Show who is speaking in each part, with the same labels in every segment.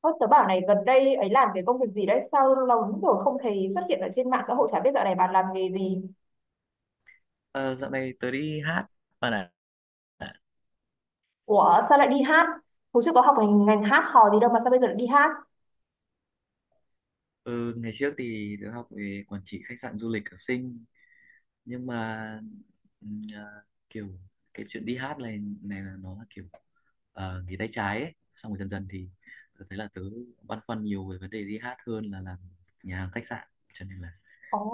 Speaker 1: Ơ, tớ bảo này gần đây ấy làm cái công việc gì đấy sao lâu lắm rồi không thấy xuất hiện ở trên mạng xã hội, chả biết dạo này bạn làm nghề gì?
Speaker 2: Ờ, Dạo này tớ đi hát ở Đà Nẵng.
Speaker 1: Ủa sao lại đi hát, hồi trước có học ngành hát hò gì đâu mà sao bây giờ lại đi hát?
Speaker 2: Ừ, ngày trước thì tớ học về quản trị khách sạn du lịch ở Sinh, nhưng mà ừm, à, kiểu cái chuyện đi hát này này là nó là kiểu nghề tay trái ấy. Xong rồi dần dần thì tớ thấy là tớ băn khoăn nhiều về vấn đề đi hát hơn là làm nhà hàng khách sạn, cho nên là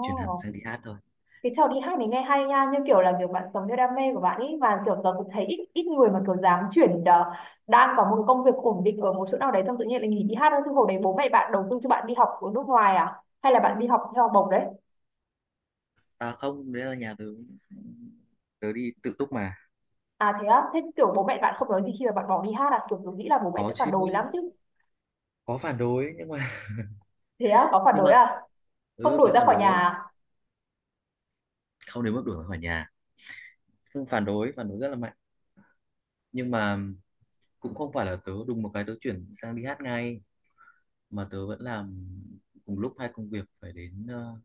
Speaker 2: chuyển hẳn sang đi hát thôi.
Speaker 1: cái trò đi hát này nghe hay nha, nhưng kiểu là kiểu bạn sống theo đam mê của bạn ấy, và kiểu tớ cũng thấy ít ít người mà kiểu dám chuyển, đang có một công việc ổn định ở một chỗ nào đấy xong tự nhiên lại nghỉ đi hát thôi. Chứ hồi đấy bố mẹ bạn đầu tư cho bạn đi học ở nước ngoài à, hay là bạn đi học theo học bổng đấy?
Speaker 2: À không, đấy là nhà tớ, tớ đi tự túc mà.
Speaker 1: À thế á, thế kiểu bố mẹ bạn không nói gì khi mà bạn bỏ đi hát à, kiểu tôi nghĩ là bố mẹ
Speaker 2: Có
Speaker 1: sẽ phản
Speaker 2: chứ,
Speaker 1: đối lắm chứ.
Speaker 2: có phản đối, nhưng mà
Speaker 1: Thế á, có phản
Speaker 2: nhưng
Speaker 1: đối
Speaker 2: mà
Speaker 1: à? Không
Speaker 2: ừ,
Speaker 1: đuổi
Speaker 2: có
Speaker 1: ra
Speaker 2: phản
Speaker 1: khỏi nhà
Speaker 2: đối,
Speaker 1: à?
Speaker 2: không đến mức đuổi ra khỏi nhà. Phương phản đối rất là mạnh, nhưng mà cũng không phải là tớ đùng một cái tớ chuyển sang đi hát ngay, mà tớ vẫn làm cùng lúc hai công việc, phải đến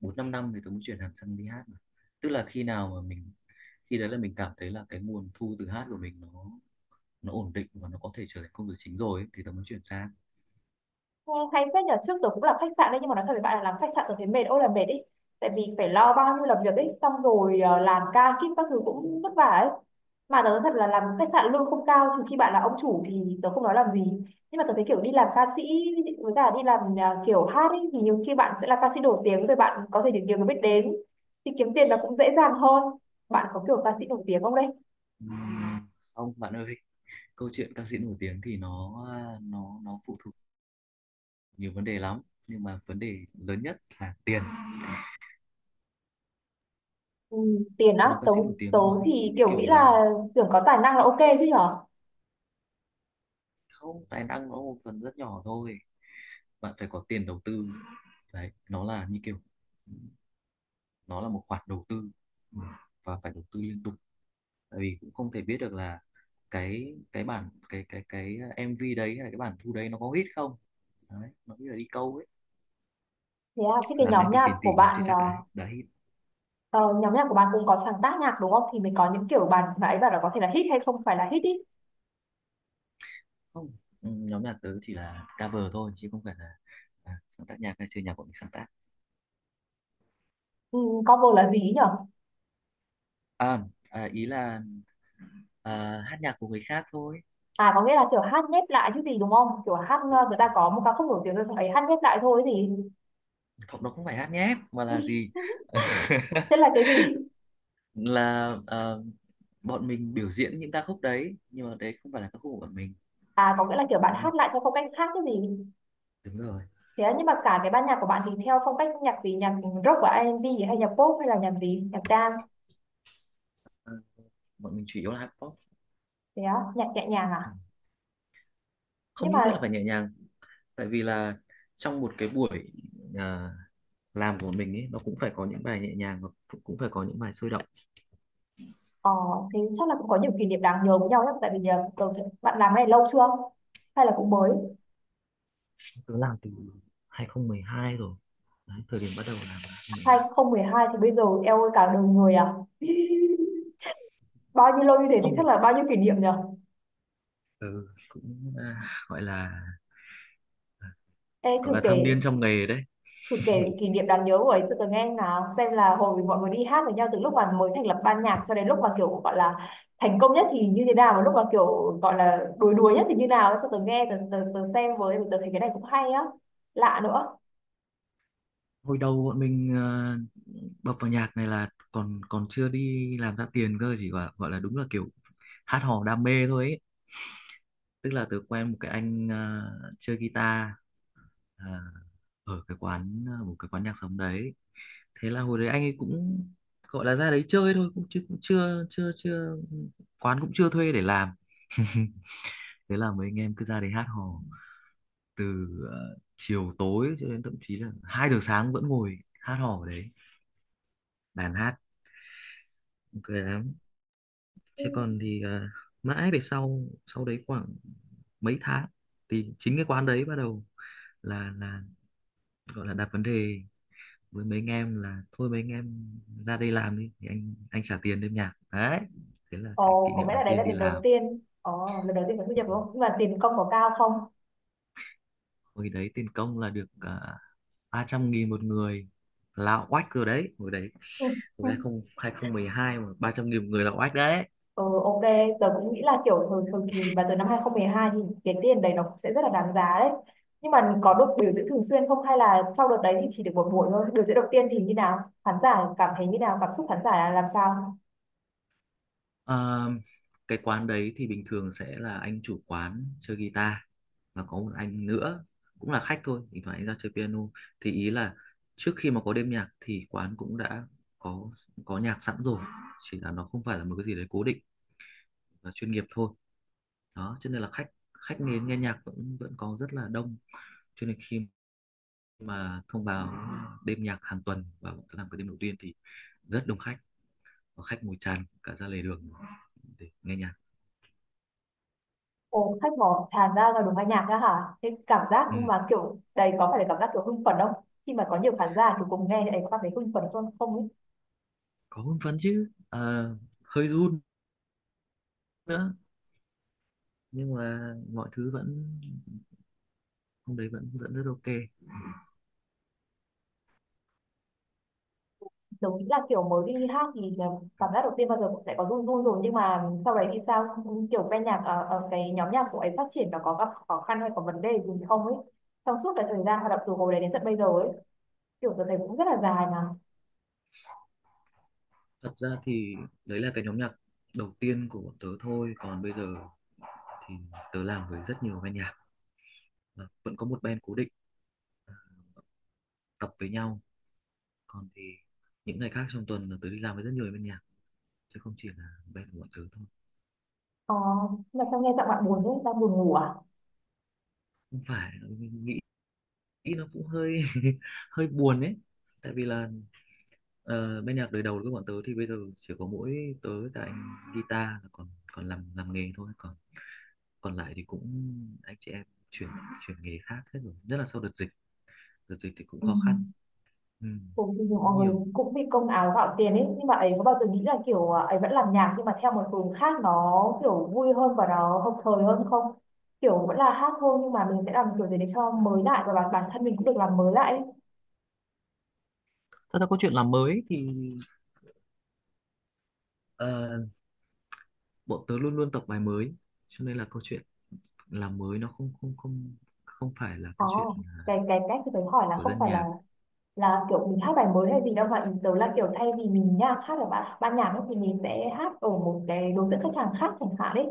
Speaker 2: bốn năm năm thì tớ mới chuyển hẳn sang đi hát mà. Tức là khi nào mà mình, khi đấy là mình cảm thấy là cái nguồn thu từ hát của mình nó ổn định và nó có thể trở thành công việc chính rồi ấy, thì tớ mới chuyển sang.
Speaker 1: Ừ, hay phết nhờ, trước tớ cũng làm khách sạn đấy, nhưng mà nói thật với bạn là làm khách sạn tớ thấy mệt ôi là mệt ý. Tại vì phải lo bao nhiêu làm việc ấy, xong rồi làm ca kíp các thứ cũng vất vả ấy. Mà tớ nói thật là làm khách sạn lương không cao, trừ khi bạn là ông chủ thì tớ không nói làm gì. Nhưng mà tớ thấy kiểu đi làm ca sĩ với cả đi làm kiểu hát ấy, thì nhiều khi bạn sẽ là ca sĩ nổi tiếng rồi bạn có thể được nhiều người biết đến, thì kiếm tiền nó cũng dễ dàng hơn. Bạn có kiểu ca sĩ nổi tiếng không đấy?
Speaker 2: Ừm, ông bạn ơi, câu chuyện ca sĩ nổi tiếng thì nó ờ, nó phụ thuộc nhiều vấn đề lắm, nhưng mà vấn đề lớn nhất là tiền.
Speaker 1: Ừ, tiền á,
Speaker 2: Làm ca
Speaker 1: tớ
Speaker 2: sĩ nổi
Speaker 1: tớ
Speaker 2: tiếng nó
Speaker 1: thì
Speaker 2: cũng như
Speaker 1: kiểu nghĩ
Speaker 2: kiểu
Speaker 1: là
Speaker 2: là,
Speaker 1: tưởng có tài năng là ok chứ nhở.
Speaker 2: không, tài năng nó một phần rất nhỏ thôi, bạn phải có tiền đầu tư. Đấy nó là như kiểu, nó là một khoản đầu tư. Ừ. Và phải đầu tư liên tục, tại vì cũng không thể biết được là cái bản cái MV đấy hay là cái bản thu đấy nó có hit không, đấy nó như là đi câu ấy.
Speaker 1: Thế à, thế cái
Speaker 2: Làm
Speaker 1: nhóm
Speaker 2: MV
Speaker 1: nhạc
Speaker 2: tiền tỷ
Speaker 1: của
Speaker 2: nhưng chưa
Speaker 1: bạn
Speaker 2: chắc đã hit.
Speaker 1: ờ, nhóm nhạc của bạn cũng có sáng tác nhạc đúng không, thì mình có những kiểu bạn nãy bảo là có thể là hit hay không phải là hit ý.
Speaker 2: Không. Ừ, nhóm nhạc tớ chỉ là cover thôi, chứ không phải là sáng tác nhạc hay chơi nhạc của mình sáng tác.
Speaker 1: Ừ, cover là gì ý nhở?
Speaker 2: à, ý là, hát nhạc của người khác thôi.
Speaker 1: À có nghĩa là kiểu hát nhép lại chứ gì, đúng không? Kiểu hát người ta có một ca khúc nổi tiếng rồi xong ấy hát nhép lại thôi gì.
Speaker 2: Không, nó không phải hát nhép, mà là gì?
Speaker 1: Thế là cái gì?
Speaker 2: Là bọn mình biểu diễn những ca khúc đấy, nhưng mà đấy không phải là ca khúc của bọn mình.
Speaker 1: À có nghĩa là kiểu bạn
Speaker 2: Đúng rồi,
Speaker 1: hát lại theo phong cách khác cái gì.
Speaker 2: đúng rồi.
Speaker 1: Thế à, nhưng mà cả cái ban nhạc của bạn thì theo phong cách nhạc gì, nhạc rock và R&B, hay nhạc pop, hay là nhạc gì, nhạc dance?
Speaker 2: Ờ, Bọn mình chủ yếu là hát pop.
Speaker 1: Thế á, nhạc nhẹ nhàng
Speaker 2: Ừ.
Speaker 1: à?
Speaker 2: Không
Speaker 1: Nhưng mà
Speaker 2: nhất thiết là phải nhẹ nhàng, tại vì là, trong một cái buổi à, làm của mình ấy, nó cũng phải có những bài nhẹ nhàng và cũng cũng phải có những bài sôi động.
Speaker 1: ờ, thế chắc là cũng có nhiều kỷ niệm đáng nhớ với nhau nhé, tại vì bạn làm cái này lâu chưa hay là cũng mới?
Speaker 2: Tớ làm từ 2012 rồi đấy, thời điểm bắt đầu làm là 2012.
Speaker 1: 2012 thì bây giờ eo ơi, cả đời người à. Bao nhiêu lâu như thế thì chắc
Speaker 2: Ông,
Speaker 1: là bao nhiêu kỷ niệm nhở.
Speaker 2: ừ, cũng gọi là,
Speaker 1: Ê, thử kể,
Speaker 2: thâm niên trong nghề đấy.
Speaker 1: thử kể kỷ niệm đáng nhớ của ấy cho tớ nghe nào, xem là hồi mọi người đi hát với nhau từ lúc mà mới thành lập ban nhạc cho đến lúc mà kiểu gọi là thành công nhất thì như thế nào, và lúc mà kiểu gọi là đuối đuối nhất thì như nào ấy, cho tớ nghe, tớ xem với, tớ thấy cái này cũng hay á, lạ nữa.
Speaker 2: Hồi đầu bọn mình bập vào nhạc này là còn còn chưa đi làm ra tiền cơ, chỉ gọi gọi là, đúng là kiểu hát hò đam mê thôi ấy. Tức là tớ quen một cái anh chơi guitar, ờ, ở cái quán, một cái quán nhạc sống đấy. Thế là hồi đấy anh ấy cũng gọi là ra đấy chơi thôi, cũng chứ cũng chưa chưa chưa quán cũng chưa thuê để làm. Thế là mấy anh em cứ ra đấy hát hò, từ chiều tối cho đến thậm chí là 2 giờ sáng vẫn ngồi hát hò ở đấy, đàn hát. Ok. Chứ còn thì mãi về sau sau đấy khoảng mấy tháng, thì chính cái quán đấy bắt đầu là gọi là đặt vấn đề với mấy anh em là thôi mấy anh em ra đây làm đi thì anh trả tiền đêm nhạc đấy. Thế là cái kỷ
Speaker 1: Ồ, có
Speaker 2: niệm
Speaker 1: nghĩa là
Speaker 2: đầu
Speaker 1: đấy là
Speaker 2: tiên đi
Speaker 1: lần đầu
Speaker 2: làm.
Speaker 1: tiên. Ồ, lần đầu tiên mình thu nhập đúng không? Nhưng mà tiền công có cao không?
Speaker 2: Hồi đấy tiền công là được 300.000 một người là oách rồi đấy hồi đấy.
Speaker 1: Ừ.
Speaker 2: Hồi 2000 2012 mà 300.000 một người là oách đấy.
Speaker 1: Ừ, ok, tớ cũng nghĩ là kiểu thường thường thì và từ năm 2012 thì cái tiền đấy nó cũng sẽ rất là đáng giá đấy. Nhưng mà có được biểu diễn thường xuyên không hay là sau đợt đấy thì chỉ được một buổi thôi? Biểu diễn đầu tiên thì như nào? Khán giả cảm thấy như nào? Cảm xúc khán giả là làm sao?
Speaker 2: Ờ, cái quán đấy thì bình thường sẽ là anh chủ quán chơi guitar, và có một anh nữa cũng là khách thôi, thỉnh thoảng anh ra chơi piano. Thì ý là trước khi mà có đêm nhạc thì quán cũng đã có có nhạc sẵn rồi, chỉ là nó không phải là một cái gì đấy cố định và chuyên nghiệp thôi đó, cho nên là khách khách nghe nghe nhạc vẫn vẫn có rất là đông. Cho nên khi mà thông báo đêm nhạc hàng tuần và làm cái đêm đầu tiên thì rất đông khách, và khách ngồi tràn cả ra lề đường để nghe nhạc.
Speaker 1: Ồ, khách mò tràn ra là đúng âm nhạc ra hả? Thế cảm giác nhưng
Speaker 2: Ừ.
Speaker 1: mà kiểu đấy có phải là cảm giác kiểu hưng phấn không? Khi mà có nhiều khán giả thì cùng nghe thì ấy có cảm thấy hưng phấn không? Không ấy.
Speaker 2: Có hưng phấn chứ. Ờ, Hơi run nữa, nhưng mà mọi thứ vẫn, hôm đấy vẫn vẫn rất ok.
Speaker 1: Giống như là kiểu mới đi hát thì là cảm giác đầu tiên bao giờ cũng sẽ có run run rồi, nhưng mà sau đấy thì sao, kiểu ban nhạc ở cái nhóm nhạc của ấy phát triển và có gặp khó khăn hay có vấn đề gì không ấy, trong suốt cái thời gian hoạt động từ hồi đấy đến tận bây giờ ấy, kiểu tôi thấy cũng rất là dài mà.
Speaker 2: Thật ra thì đấy là cái nhóm nhạc đầu tiên của bọn tớ thôi, còn bây giờ thì tớ làm với rất nhiều ban nhạc. Và vẫn có một band cố định tập với nhau, còn thì những ngày khác trong tuần là tớ đi làm với rất nhiều ban nhạc chứ không chỉ là band của bọn tớ thôi.
Speaker 1: ờ, mà sao nghe giọng bạn buồn thế, đang buồn ngủ à?
Speaker 2: Không phải, nghĩ nghĩ nó cũng hơi hơi buồn ấy, tại vì là, bên nhạc đời đầu của bọn tớ thì bây giờ chỉ có mỗi tớ và anh guitar là còn còn làm nghề thôi, còn còn lại thì cũng anh chị em chuyển chuyển nghề khác hết rồi, nhất là sau đợt dịch. Đợt dịch thì cũng
Speaker 1: Ừ.
Speaker 2: khó khăn. Ừ,
Speaker 1: Cũng thì
Speaker 2: cũng
Speaker 1: mọi
Speaker 2: nhiều.
Speaker 1: người cũng vì công áo gạo tiền ấy, nhưng mà ấy có bao giờ nghĩ là kiểu à, ấy vẫn làm nhạc nhưng mà theo một hướng khác nó kiểu vui hơn và nó hợp thời hơn không? Kiểu vẫn là hát thôi nhưng mà mình sẽ làm kiểu gì để cho mới lại, và bản bản thân mình cũng được làm mới lại ấy.
Speaker 2: Thật ra câu chuyện làm mới thì, Ờ, bọn tớ luôn luôn tập bài mới, cho nên là câu chuyện làm mới nó không không không không phải là câu chuyện
Speaker 1: Có cái cách thì phải hỏi là
Speaker 2: của
Speaker 1: không
Speaker 2: dân
Speaker 1: phải
Speaker 2: nhạc.
Speaker 1: là kiểu mình hát bài mới hay gì đâu, mà ý tớ là kiểu thay vì mình nha hát ở ban nhạc ấy, thì mình sẽ hát ở một cái đối tượng khách hàng khác chẳng hạn đấy,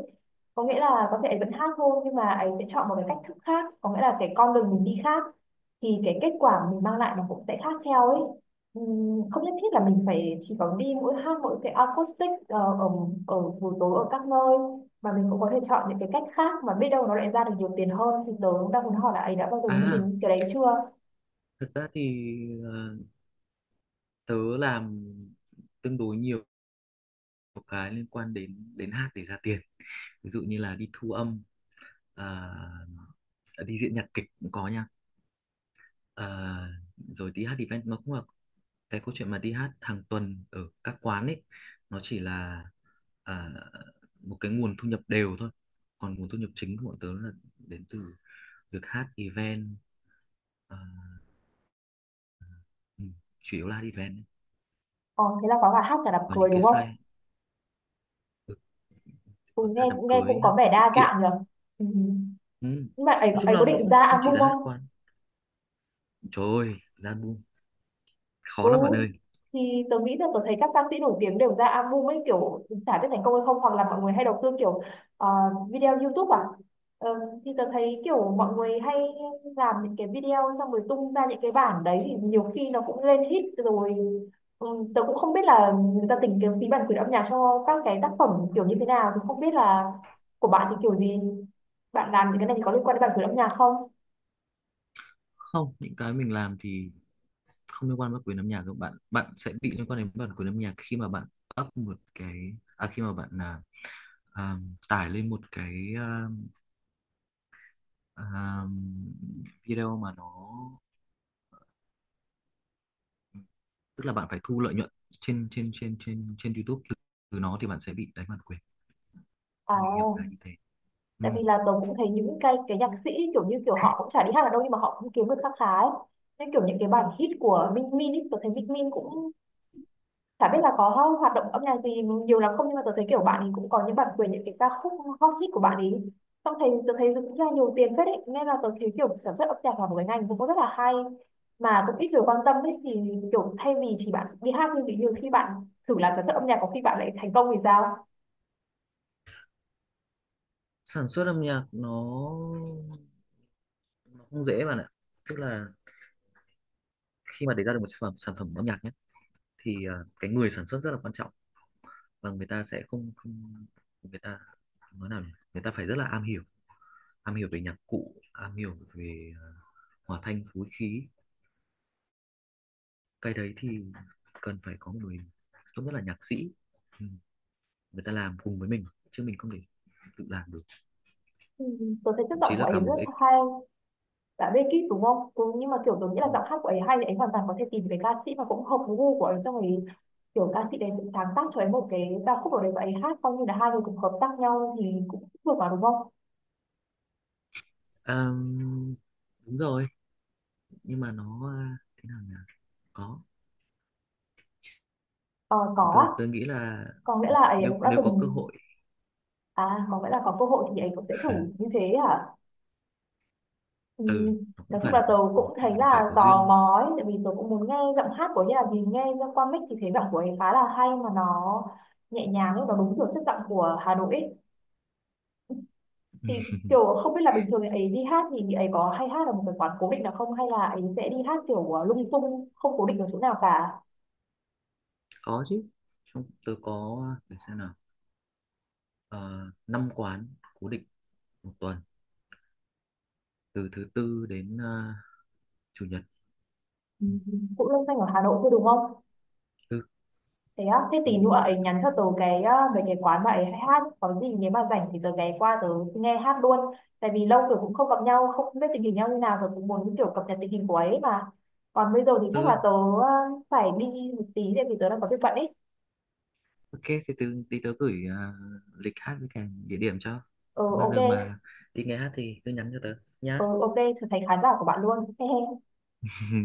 Speaker 1: có nghĩa là có thể vẫn hát thôi nhưng mà ấy sẽ chọn một cái cách thức khác, có nghĩa là cái con đường mình đi khác thì cái kết quả mình mang lại nó cũng sẽ khác theo ấy. Không nhất thiết là mình phải chỉ có đi mỗi hát mỗi cái acoustic ở ở buổi tối ở các nơi, mà mình cũng có thể chọn những cái cách khác mà biết đâu nó lại ra được nhiều tiền hơn, thì tớ cũng đang muốn hỏi là ấy đã bao giờ nghĩ
Speaker 2: à
Speaker 1: đến cái đấy chưa.
Speaker 2: Thật ra thì ờ, tớ làm tương đối nhiều, một cái liên quan đến đến hát để ra tiền, ví dụ như là đi thu âm, à, đi diễn nhạc kịch cũng có nha. À, rồi đi hát event nó cũng là, cái câu chuyện mà đi hát hàng tuần ở các quán ấy, nó chỉ là à, một cái nguồn thu nhập đều thôi, còn nguồn thu nhập chính của bọn tớ là đến từ việc hát event, à, ừ, chủ yếu là hát event ấy.
Speaker 1: Ờ, thế là có cả hát cả đám
Speaker 2: Và
Speaker 1: cưới
Speaker 2: những
Speaker 1: đúng
Speaker 2: cái
Speaker 1: không?
Speaker 2: site,
Speaker 1: Ừ, nghe
Speaker 2: hát đám
Speaker 1: nghe
Speaker 2: cưới,
Speaker 1: cũng có
Speaker 2: hát
Speaker 1: vẻ
Speaker 2: sự
Speaker 1: đa
Speaker 2: kiện.
Speaker 1: dạng nhỉ. Ừ.
Speaker 2: Ừ.
Speaker 1: Nhưng mà ấy
Speaker 2: Nói chung
Speaker 1: ấy có
Speaker 2: là nó
Speaker 1: định
Speaker 2: không,
Speaker 1: ra
Speaker 2: không chỉ
Speaker 1: album
Speaker 2: là hát
Speaker 1: không?
Speaker 2: quán. Trời ơi, ra khó
Speaker 1: Ừ,
Speaker 2: lắm bạn ơi.
Speaker 1: thì tớ nghĩ là tớ thấy các ca sĩ nổi tiếng đều ra album ấy, kiểu chả biết thành công hay không, hoặc là mọi người hay đầu tư kiểu ờ, video YouTube à. Ờ, thì tớ thấy kiểu mọi người hay làm những cái video xong rồi tung ra những cái bản đấy thì nhiều khi nó cũng lên hit rồi. Ừ, tớ cũng không biết là người ta tính cái phí bản quyền âm nhạc cho các cái tác phẩm kiểu như thế nào, thì không biết là của bạn thì kiểu gì, bạn làm những cái này thì có liên quan đến bản quyền âm nhạc không?
Speaker 2: Không, những cái mình làm thì không liên quan với quyền âm nhạc đâu bạn bạn sẽ bị liên quan đến bản quyền âm nhạc khi mà bạn up một cái, khi mà bạn là, à, tải lên một cái, à, video mà nó, tức là bạn phải thu lợi nhuận trên trên trên trên trên YouTube từ nó thì bạn sẽ bị đánh bản quyền.
Speaker 1: À,
Speaker 2: Theo mình hiểu là như thế. Ừ.
Speaker 1: tại vì là tớ cũng thấy những cái nhạc sĩ kiểu như kiểu họ cũng chả đi hát ở đâu nhưng mà họ cũng kiếm được kha khá ấy. Nên kiểu những cái bản hit của Minh Min ấy, tôi thấy Minh Min cũng chả biết là có hoạt động âm nhạc gì nhiều lắm không, nhưng mà tôi thấy kiểu bạn ấy cũng có những bản quyền những cái ca khúc hot hit của bạn ấy, xong thấy tôi thấy cũng ra nhiều tiền phết ấy, nên là tôi thấy kiểu sản xuất âm nhạc là một cái ngành cũng có rất là hay mà cũng ít người quan tâm ấy, thì kiểu thay vì chỉ bạn đi hát, nhưng nhiều khi bạn thử làm sản xuất âm nhạc có khi bạn lại thành công thì sao.
Speaker 2: Sản xuất âm nhạc nó không dễ bạn ạ. Tức là khi mà để ra được một sản phẩm âm nhạc nhé, thì cái người sản xuất rất là quan trọng. Và người ta sẽ không, người ta nói nào nhỉ? Người ta phải rất là am hiểu về nhạc cụ, am hiểu về hòa thanh phối khí. Cái đấy thì cần phải có người trông rất là nhạc sĩ. Ừ, người ta làm cùng với mình chứ mình không thể tự làm được.
Speaker 1: Ừ, tớ thấy chất
Speaker 2: Thậm
Speaker 1: giọng
Speaker 2: chí
Speaker 1: của
Speaker 2: là cả
Speaker 1: ấy rất
Speaker 2: một ích.
Speaker 1: hay, dạ Beckett đúng không, ừ, nhưng mà kiểu tôi nghĩ là giọng hát của ấy hay thì ấy hoàn toàn có thể tìm cái ca sĩ mà cũng hợp với gu của ấy, xong rồi kiểu ca sĩ đấy cũng sáng tác cho ấy một cái ca khúc ở đấy và ấy hát, coi như là hai người cùng hợp tác nhau thì cũng được mà đúng không.
Speaker 2: Ờm, Đúng rồi, nhưng mà nó thế nào nhỉ, có,
Speaker 1: Ờ, có á.
Speaker 2: tôi nghĩ là,
Speaker 1: Có nghĩa là ấy
Speaker 2: nếu
Speaker 1: cũng đã
Speaker 2: nếu có cơ
Speaker 1: từng,
Speaker 2: hội.
Speaker 1: à có nghĩa là có cơ hội thì ấy cũng sẽ thử như thế à. Ừ.
Speaker 2: Ừ, nó cũng
Speaker 1: Nói chung
Speaker 2: phải là
Speaker 1: là tớ
Speaker 2: có,
Speaker 1: cũng thấy
Speaker 2: mình phải
Speaker 1: là
Speaker 2: có
Speaker 1: tò
Speaker 2: duyên.
Speaker 1: mò ấy, tại vì tớ cũng muốn nghe giọng hát của ấy, là vì nghe ra qua mic thì thấy giọng của ấy khá là hay mà nó nhẹ nhàng ấy, nó đúng kiểu chất giọng của Hà Nội ấy. Thì kiểu không biết là bình thường thì ấy đi hát thì chị ấy có hay hát ở một cái quán cố định nào không, hay là ấy sẽ đi hát kiểu lung tung không cố định ở chỗ nào cả.
Speaker 2: Có chứ, trong tôi có, để xem nào, ờ, năm quán cố định một tuần, từ thứ tư đến chủ nhật.
Speaker 1: Ừ.
Speaker 2: Ừ,
Speaker 1: Cũng loanh xanh ở Hà Nội thôi đúng không?
Speaker 2: tư
Speaker 1: Thế á, thế tí
Speaker 2: thứ
Speaker 1: nữa ấy nhắn cho tớ cái về cái quán mà ấy hay hát, có gì nếu mà rảnh thì tớ ghé qua tớ nghe hát luôn, tại vì lâu rồi cũng không gặp nhau, không biết tình hình nhau như nào rồi, cũng muốn kiểu cập nhật tình hình của ấy mà. Còn bây giờ thì chắc là
Speaker 2: tư.
Speaker 1: tớ ờ, phải đi một tí tại vì tớ đang có việc bận ấy.
Speaker 2: Ok. Thì từ tí tớ gửi lịch hát với cả địa điểm cho.
Speaker 1: Ừ,
Speaker 2: Bao
Speaker 1: ok.
Speaker 2: giờ mà đi nghe hát thì cứ nhắn cho tớ
Speaker 1: Ừ,
Speaker 2: nhá.
Speaker 1: ok, trở thành khán giả của bạn luôn. He he,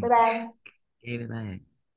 Speaker 1: bye
Speaker 2: Ok,
Speaker 1: bye.
Speaker 2: bye bye.